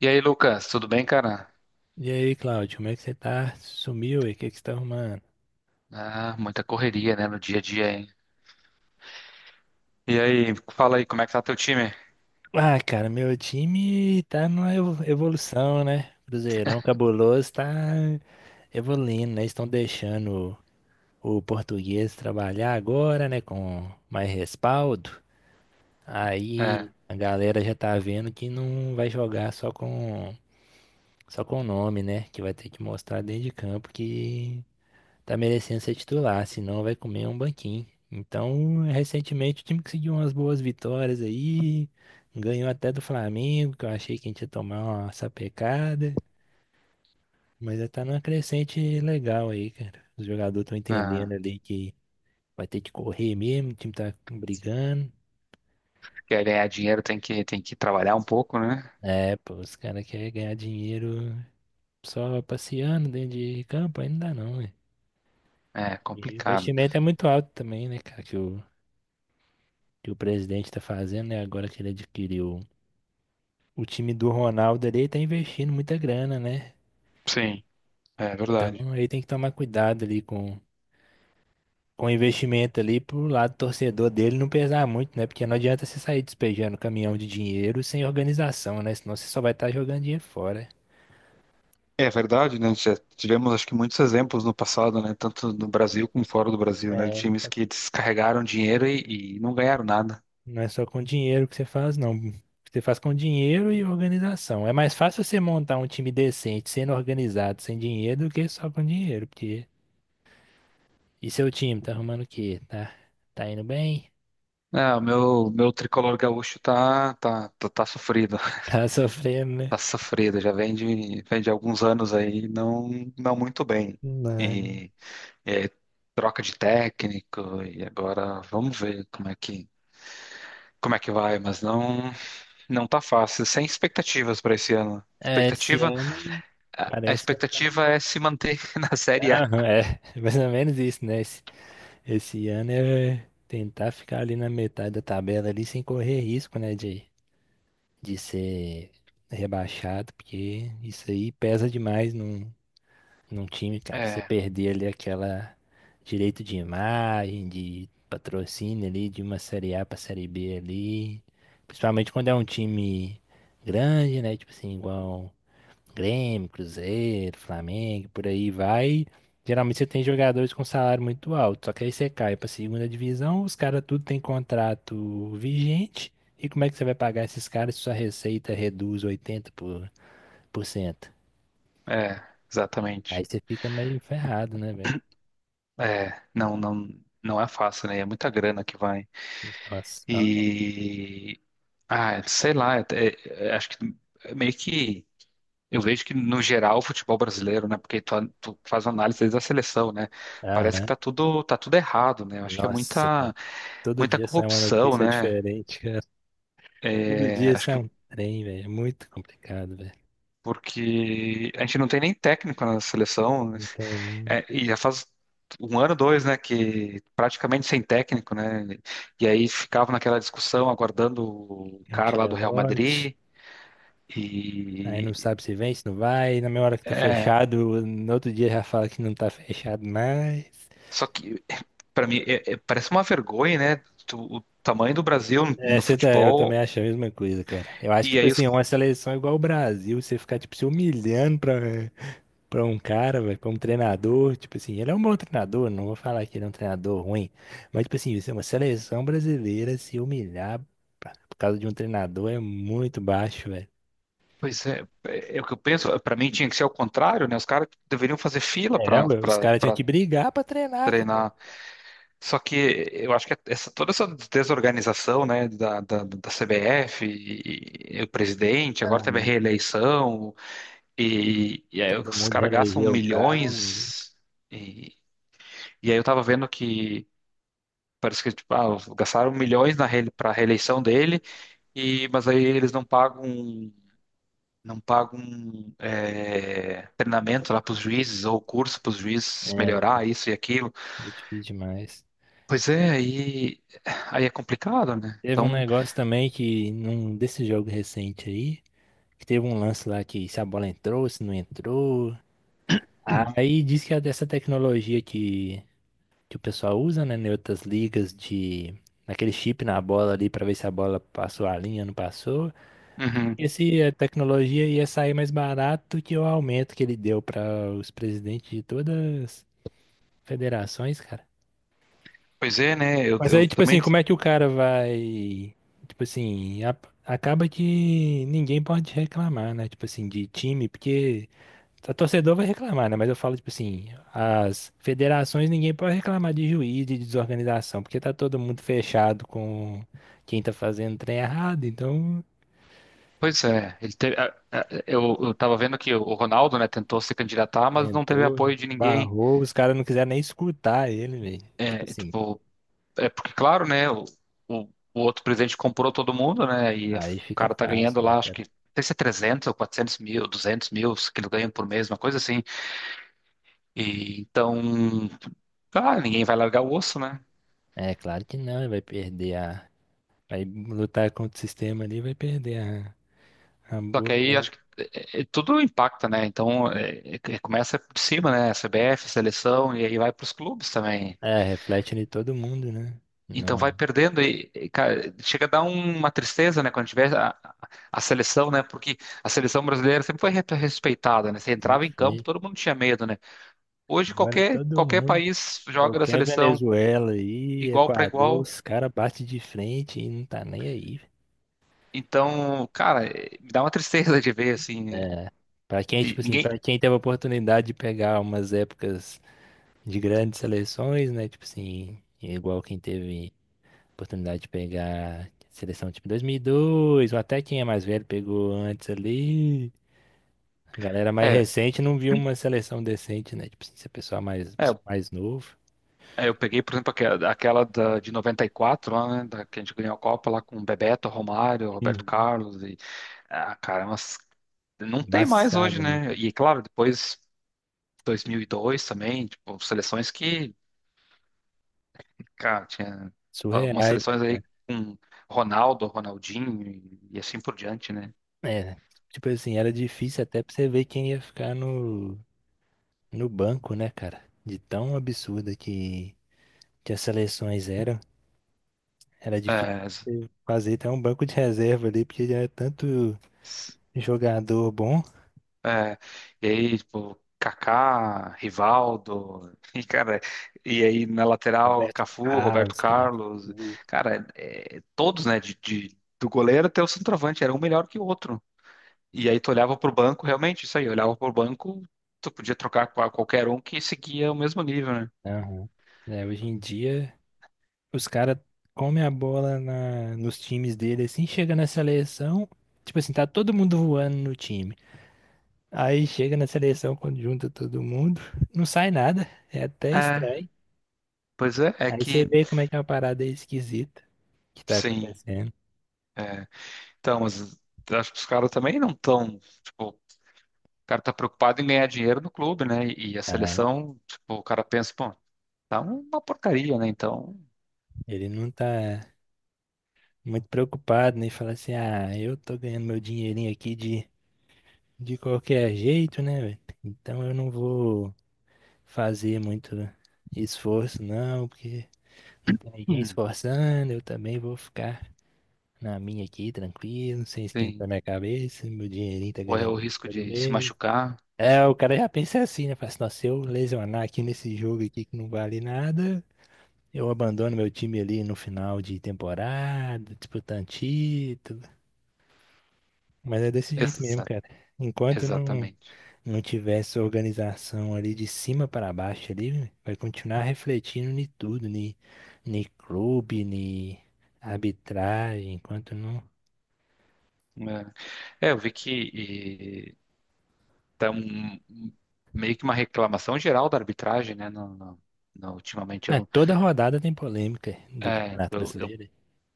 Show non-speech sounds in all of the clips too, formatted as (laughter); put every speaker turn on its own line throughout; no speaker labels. E aí, Lucas, tudo bem, cara?
E aí, Cláudio, como é que você tá? Sumiu e o que você tá arrumando?
Ah, muita correria, né, no dia a dia, hein? E aí, fala aí, como é que tá teu time?
Meu time tá numa evolução, né? Cruzeirão cabuloso tá evoluindo, né? Estão deixando o português trabalhar agora, né? Com mais respaldo.
É,
Aí a galera já tá vendo que não vai jogar só com o nome, né? Que vai ter que mostrar dentro de campo que tá merecendo ser titular, senão vai comer um banquinho. Então, recentemente o time conseguiu umas boas vitórias aí, ganhou até do Flamengo, que eu achei que a gente ia tomar uma sapecada, mas já tá numa crescente legal aí, cara. Os jogadores estão entendendo
ah,
ali que vai ter que correr mesmo, o time tá brigando.
quer ganhar dinheiro tem que trabalhar um pouco, né?
É, pô, os caras querem ganhar dinheiro só passeando dentro de campo, aí não dá não, ué.
É
E o
complicado.
investimento é muito alto também, né, cara, que o presidente tá fazendo, né, agora que ele adquiriu o time do Ronaldo ali tá investindo muita grana, né?
Sim, é verdade.
Então ele tem que tomar cuidado ali com o investimento ali pro lado torcedor dele não pesar muito, né? Porque não adianta você sair despejando caminhão de dinheiro sem organização, né? Senão você só vai estar jogando dinheiro fora.
É verdade, né? Já tivemos, acho que, muitos exemplos no passado, né? Tanto no Brasil como fora do Brasil, né? Times
É,
que descarregaram dinheiro e não ganharam nada.
não é só com dinheiro que você faz, não. Você faz com dinheiro e organização. É mais fácil você montar um time decente, sendo organizado, sem dinheiro, do que só com dinheiro, porque. E seu time, tá arrumando o quê? Tá, tá indo bem? (laughs)
É, o meu tricolor gaúcho tá sofrido,
Tá sofrendo, né?
tá sofrido, já vem de alguns anos aí não muito bem.
Não.
E, e aí, troca de técnico, e agora vamos ver como é que vai, mas não tá fácil, sem expectativas para esse ano.
É, esse
Expectativa,
ano
a
parece que.
expectativa é se manter (laughs) na Série A.
Aham, é, (laughs) mais ou menos isso, né? Esse ano é tentar ficar ali na metade da tabela ali sem correr risco, né? De ser rebaixado, porque isso aí pesa demais num time, cara. Você
É,
perder ali aquela direito de imagem, de patrocínio ali, de uma série A pra série B ali. Principalmente quando é um time grande, né? Tipo assim, igual. Grêmio, Cruzeiro, Flamengo, por aí vai. Geralmente você tem jogadores com salário muito alto, só que aí você cai para segunda divisão, os caras tudo tem contrato vigente. E como é que você vai pagar esses caras se sua receita reduz 80%? Aí
exatamente.
você fica meio ferrado, né, velho?
É, não é fácil, né? É muita grana que vai.
Nossa, fala não.
E, ah, sei lá, é- é- acho que meio que. Eu vejo que, no geral, o futebol brasileiro, né? Porque tu, tu faz uma análise desde a seleção, né? Parece que
Aham.
tá tudo errado, né? Eu acho que é
Nossa, cara. Todo
muita
dia sai uma
corrupção,
notícia
né?
diferente, cara. Todo
É,
dia
acho
sai
que
um trem, velho. É muito complicado, velho.
porque a gente não tem nem técnico na seleção, né?
Não tem, não.
É, e já faz um ano, dois, né? Que praticamente sem técnico, né? E aí ficava naquela discussão aguardando o cara lá do Real
Ancelotti.
Madrid.
Aí não
E
sabe se vem, se não vai. E na mesma hora que tá
é.
fechado, no outro dia já fala que não tá fechado mais.
Só que para mim, parece uma vergonha, né? O tamanho do Brasil
É,
no
você tá, eu também
futebol.
acho a mesma coisa, cara. Eu acho que,
E
tipo
aí,
assim,
os,
uma seleção igual o Brasil, você ficar, tipo, se humilhando pra, pra um cara, velho, pra um treinador, tipo assim, ele é um bom treinador, não vou falar que ele é um treinador ruim, mas, tipo assim, isso é uma seleção brasileira se humilhar por causa de um treinador é muito baixo, velho.
pois é, é o que eu penso. Para mim, tinha que ser ao contrário, né? Os caras deveriam fazer fila
É, ué, os caras tinham
para
que brigar pra treinar, filho.
treinar. Só que eu acho que é essa, toda essa desorganização, né, da CBF, e o presidente, agora teve a
Aham.
reeleição, e aí
Todo
os
mundo
caras gastam
reelegeu o cara.
milhões. E, e aí eu tava vendo que. Parece que tipo, ah, gastaram milhões na para a reeleição dele. E, mas aí eles não pagam é, treinamento lá para os juízes ou curso para os juízes
É,
melhorar isso e aquilo.
é difícil demais.
Pois é, aí é complicado, né?
Teve um
Então,
negócio também que, num desse jogo recente aí, que teve um lance lá que se a bola entrou, se não entrou. Aí diz que é dessa tecnologia que o pessoal usa, né, em outras ligas de. Naquele chip na bola ali pra ver se a bola passou a linha, não passou.
uhum.
E se a tecnologia ia sair mais barato que o aumento que ele deu pra os presidentes de todas as federações, cara.
Pois é, né?
Mas
Eu
aí, tipo assim,
também.
como é que o cara vai. Tipo assim, acaba que ninguém pode reclamar, né? Tipo assim, de time, porque a torcedor vai reclamar, né? Mas eu falo, tipo assim, as federações ninguém pode reclamar de juiz, de desorganização, porque tá todo mundo fechado com quem tá fazendo trem errado, então
Pois é, ele teve, eu tava vendo que o Ronaldo, né, tentou se candidatar, mas não teve
tentou,
apoio de ninguém.
barrou, os caras não quiseram nem escutar ele, velho. Tipo
É,
assim,
tipo, É porque, claro, né? O, o outro presidente comprou todo mundo, né? E
aí
o
fica
cara tá ganhando
fácil, né,
lá, acho que
cara?
não sei se é 300 ou 400 mil, 200 mil que ele ganha por mês, uma coisa assim. E então, cara, ninguém vai largar o osso, né?
É, claro que não, ele vai perder. Vai lutar contra o sistema ali, vai perder a
Só que
boca,
aí
né?
acho que é, tudo impacta, né? Então, é, começa por cima, né? CBF, seleção, e aí vai para os clubes também.
É, reflete em todo mundo, né?
Então
Não,
vai perdendo cara, chega a dar uma tristeza, né, quando tiver a seleção, né, porque a seleção brasileira sempre foi respeitada, né, você entrava
sempre
em campo,
foi.
todo mundo tinha medo, né. Hoje
Agora
qualquer
todo
qualquer
mundo,
país joga da
qualquer
seleção
Venezuela aí,
igual para
Equador,
igual,
os caras batem de frente e não tá nem aí. Velho.
então, cara, me dá uma tristeza (laughs) de ver assim,
Pra quem,
e
tipo assim,
ninguém,
pra quem teve a oportunidade de pegar umas épocas de grandes seleções, né? Tipo assim, igual quem teve oportunidade de pegar seleção tipo 2002, ou até quem é mais velho pegou antes ali. Galera mais
é,
recente não viu uma seleção decente, né? Tipo, se a
é,
pessoa mais novo.
é, eu peguei, por exemplo, aquela da, de 94 lá, né, da, que a gente ganhou a Copa lá com Bebeto, Romário, Roberto
Uhum.
Carlos cara, umas não tem mais hoje,
Embaçado, né,
né?
cara?
E claro, depois 2002 também, tipo, seleções que, cara, tinha
Surreais,
algumas
né,
seleções aí
cara?
com Ronaldo, Ronaldinho e assim por diante, né?
É, tipo assim, era difícil até pra você ver quem ia ficar no banco, né, cara? De tão absurda que as seleções eram, era difícil
É, s-
você fazer até um banco de reserva ali, porque era tanto
s-
jogador bom.
é, e aí, tipo, Kaká, Rivaldo, (laughs) e cara, e aí na lateral,
Roberto
Cafu, Roberto
Carlos, cara.
Carlos,
Uhum.
cara, é, todos, né, do goleiro até o centroavante, era um melhor que o outro. E aí tu olhava pro banco, realmente, isso aí, olhava pro banco, tu podia trocar com qualquer um que seguia o mesmo nível, né?
Aham. É, hoje em dia. Os caras comem a bola nos times dele, assim, chega na seleção, tipo assim, tá todo mundo voando no time. Aí chega na seleção, quando junta todo mundo, não sai nada, é até estranho.
Pois é, é
Aí você
que
vê como é que é uma parada esquisita que tá
sim,
acontecendo.
é. Então, mas acho que os caras também não estão. Tipo, o cara tá preocupado em ganhar dinheiro no clube, né? E a
Ah,
seleção, tipo, o cara pensa, pô, tá uma porcaria, né? Então,
ele não tá muito preocupado, nem fala assim, ah, eu tô ganhando meu dinheirinho aqui de qualquer jeito, né, velho? Então eu não vou fazer muito esforço, não, porque não tem ninguém
hum,
esforçando, eu também vou ficar na minha aqui, tranquilo, sem esquentar
tem,
minha cabeça, meu dinheirinho tá
corre o
garantido,
risco
tá do
de se
mês.
machucar.
É, o cara já pensa assim, né? Fala assim, nossa, se eu lesionar aqui nesse jogo aqui que não vale nada, eu abandono meu time ali no final de temporada, disputando título. Mas é desse jeito mesmo,
Exa-
cara. Enquanto não,
exatamente.
não tivesse organização ali de cima para baixo ali, vai continuar refletindo em tudo, em clube, em arbitragem, enquanto não.
É, É, eu vi tá meio que uma reclamação geral da arbitragem, né? Ultimamente, eu,
É,
não-
toda rodada tem polêmica do
é, tipo,
Campeonato
eu
Brasileiro.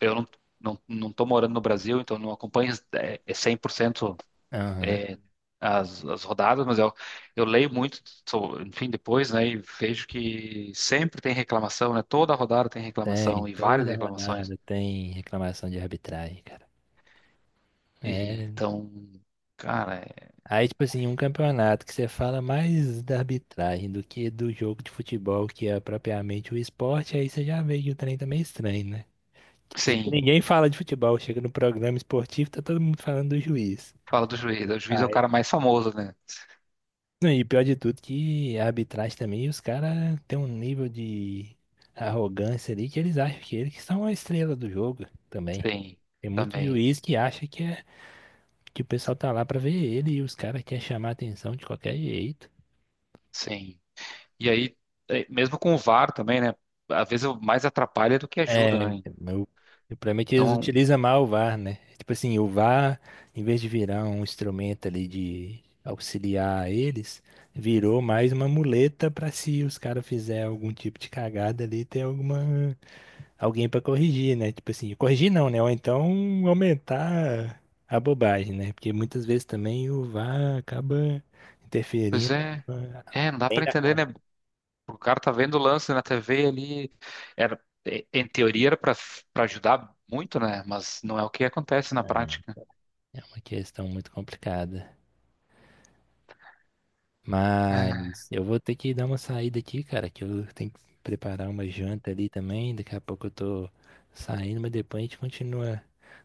eu não, não tô morando no Brasil, então não acompanho é, é 100%
Aham.
é, as rodadas, mas eu leio muito, enfim, depois, né, e vejo que sempre tem reclamação, né? Toda rodada tem
Tem,
reclamação e várias
toda
reclamações.
rodada tem reclamação de arbitragem, cara.
E
É.
então, cara,
Aí, tipo assim, um campeonato que você fala mais da arbitragem do que do jogo de futebol, que é propriamente o esporte, aí você já vê que o trem tá meio estranho, né? Por isso que
sim,
ninguém fala de futebol, chega no programa esportivo, tá todo mundo falando do juiz.
fala do juiz. O juiz é o
Aí.
cara mais famoso, né?
Não, e pior de tudo que a arbitragem também, os caras têm um nível de arrogância ali que eles acham que eles que são a estrela do jogo também.
Sim,
Tem muito
também,
juiz que acha que, é, que o pessoal tá lá pra ver ele e os caras querem chamar a atenção de qualquer jeito.
sim. E aí, é, mesmo com o VAR também, né? Às vezes eu mais atrapalha do que
É,
ajuda, né?
meu, o problema é que eles
Então,
utilizam mal o VAR, né? Tipo assim, o VAR, em vez de virar um instrumento ali de auxiliar eles, virou mais uma muleta pra se os caras fizerem algum tipo de cagada ali, ter alguma alguém pra corrigir, né? Tipo assim, corrigir não, né? Ou então aumentar a bobagem, né? Porque muitas vezes também o VAR acaba
pois
interferindo
é,
ah,
não dá
além
pra
da
entender, né?
conta.
O cara tá vendo o lance na TV ali. Era, em teoria era para ajudar muito, né? Mas não é o que acontece na
É,
prática. (laughs)
é uma questão muito complicada.
Ah,
Mas eu vou ter que dar uma saída aqui, cara, que eu tenho que preparar uma janta ali também. Daqui a pouco eu tô saindo, mas depois a gente continua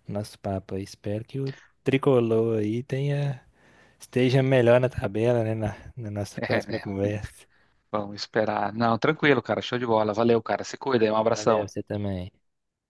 nosso papo aí. Espero que o tricolor aí tenha, esteja melhor na tabela, né, na nossa
é,
próxima
né?
conversa.
Vamos esperar. Não, tranquilo, cara. Show de bola. Valeu, cara. Se cuida, aí. Um abração.
Valeu, você também.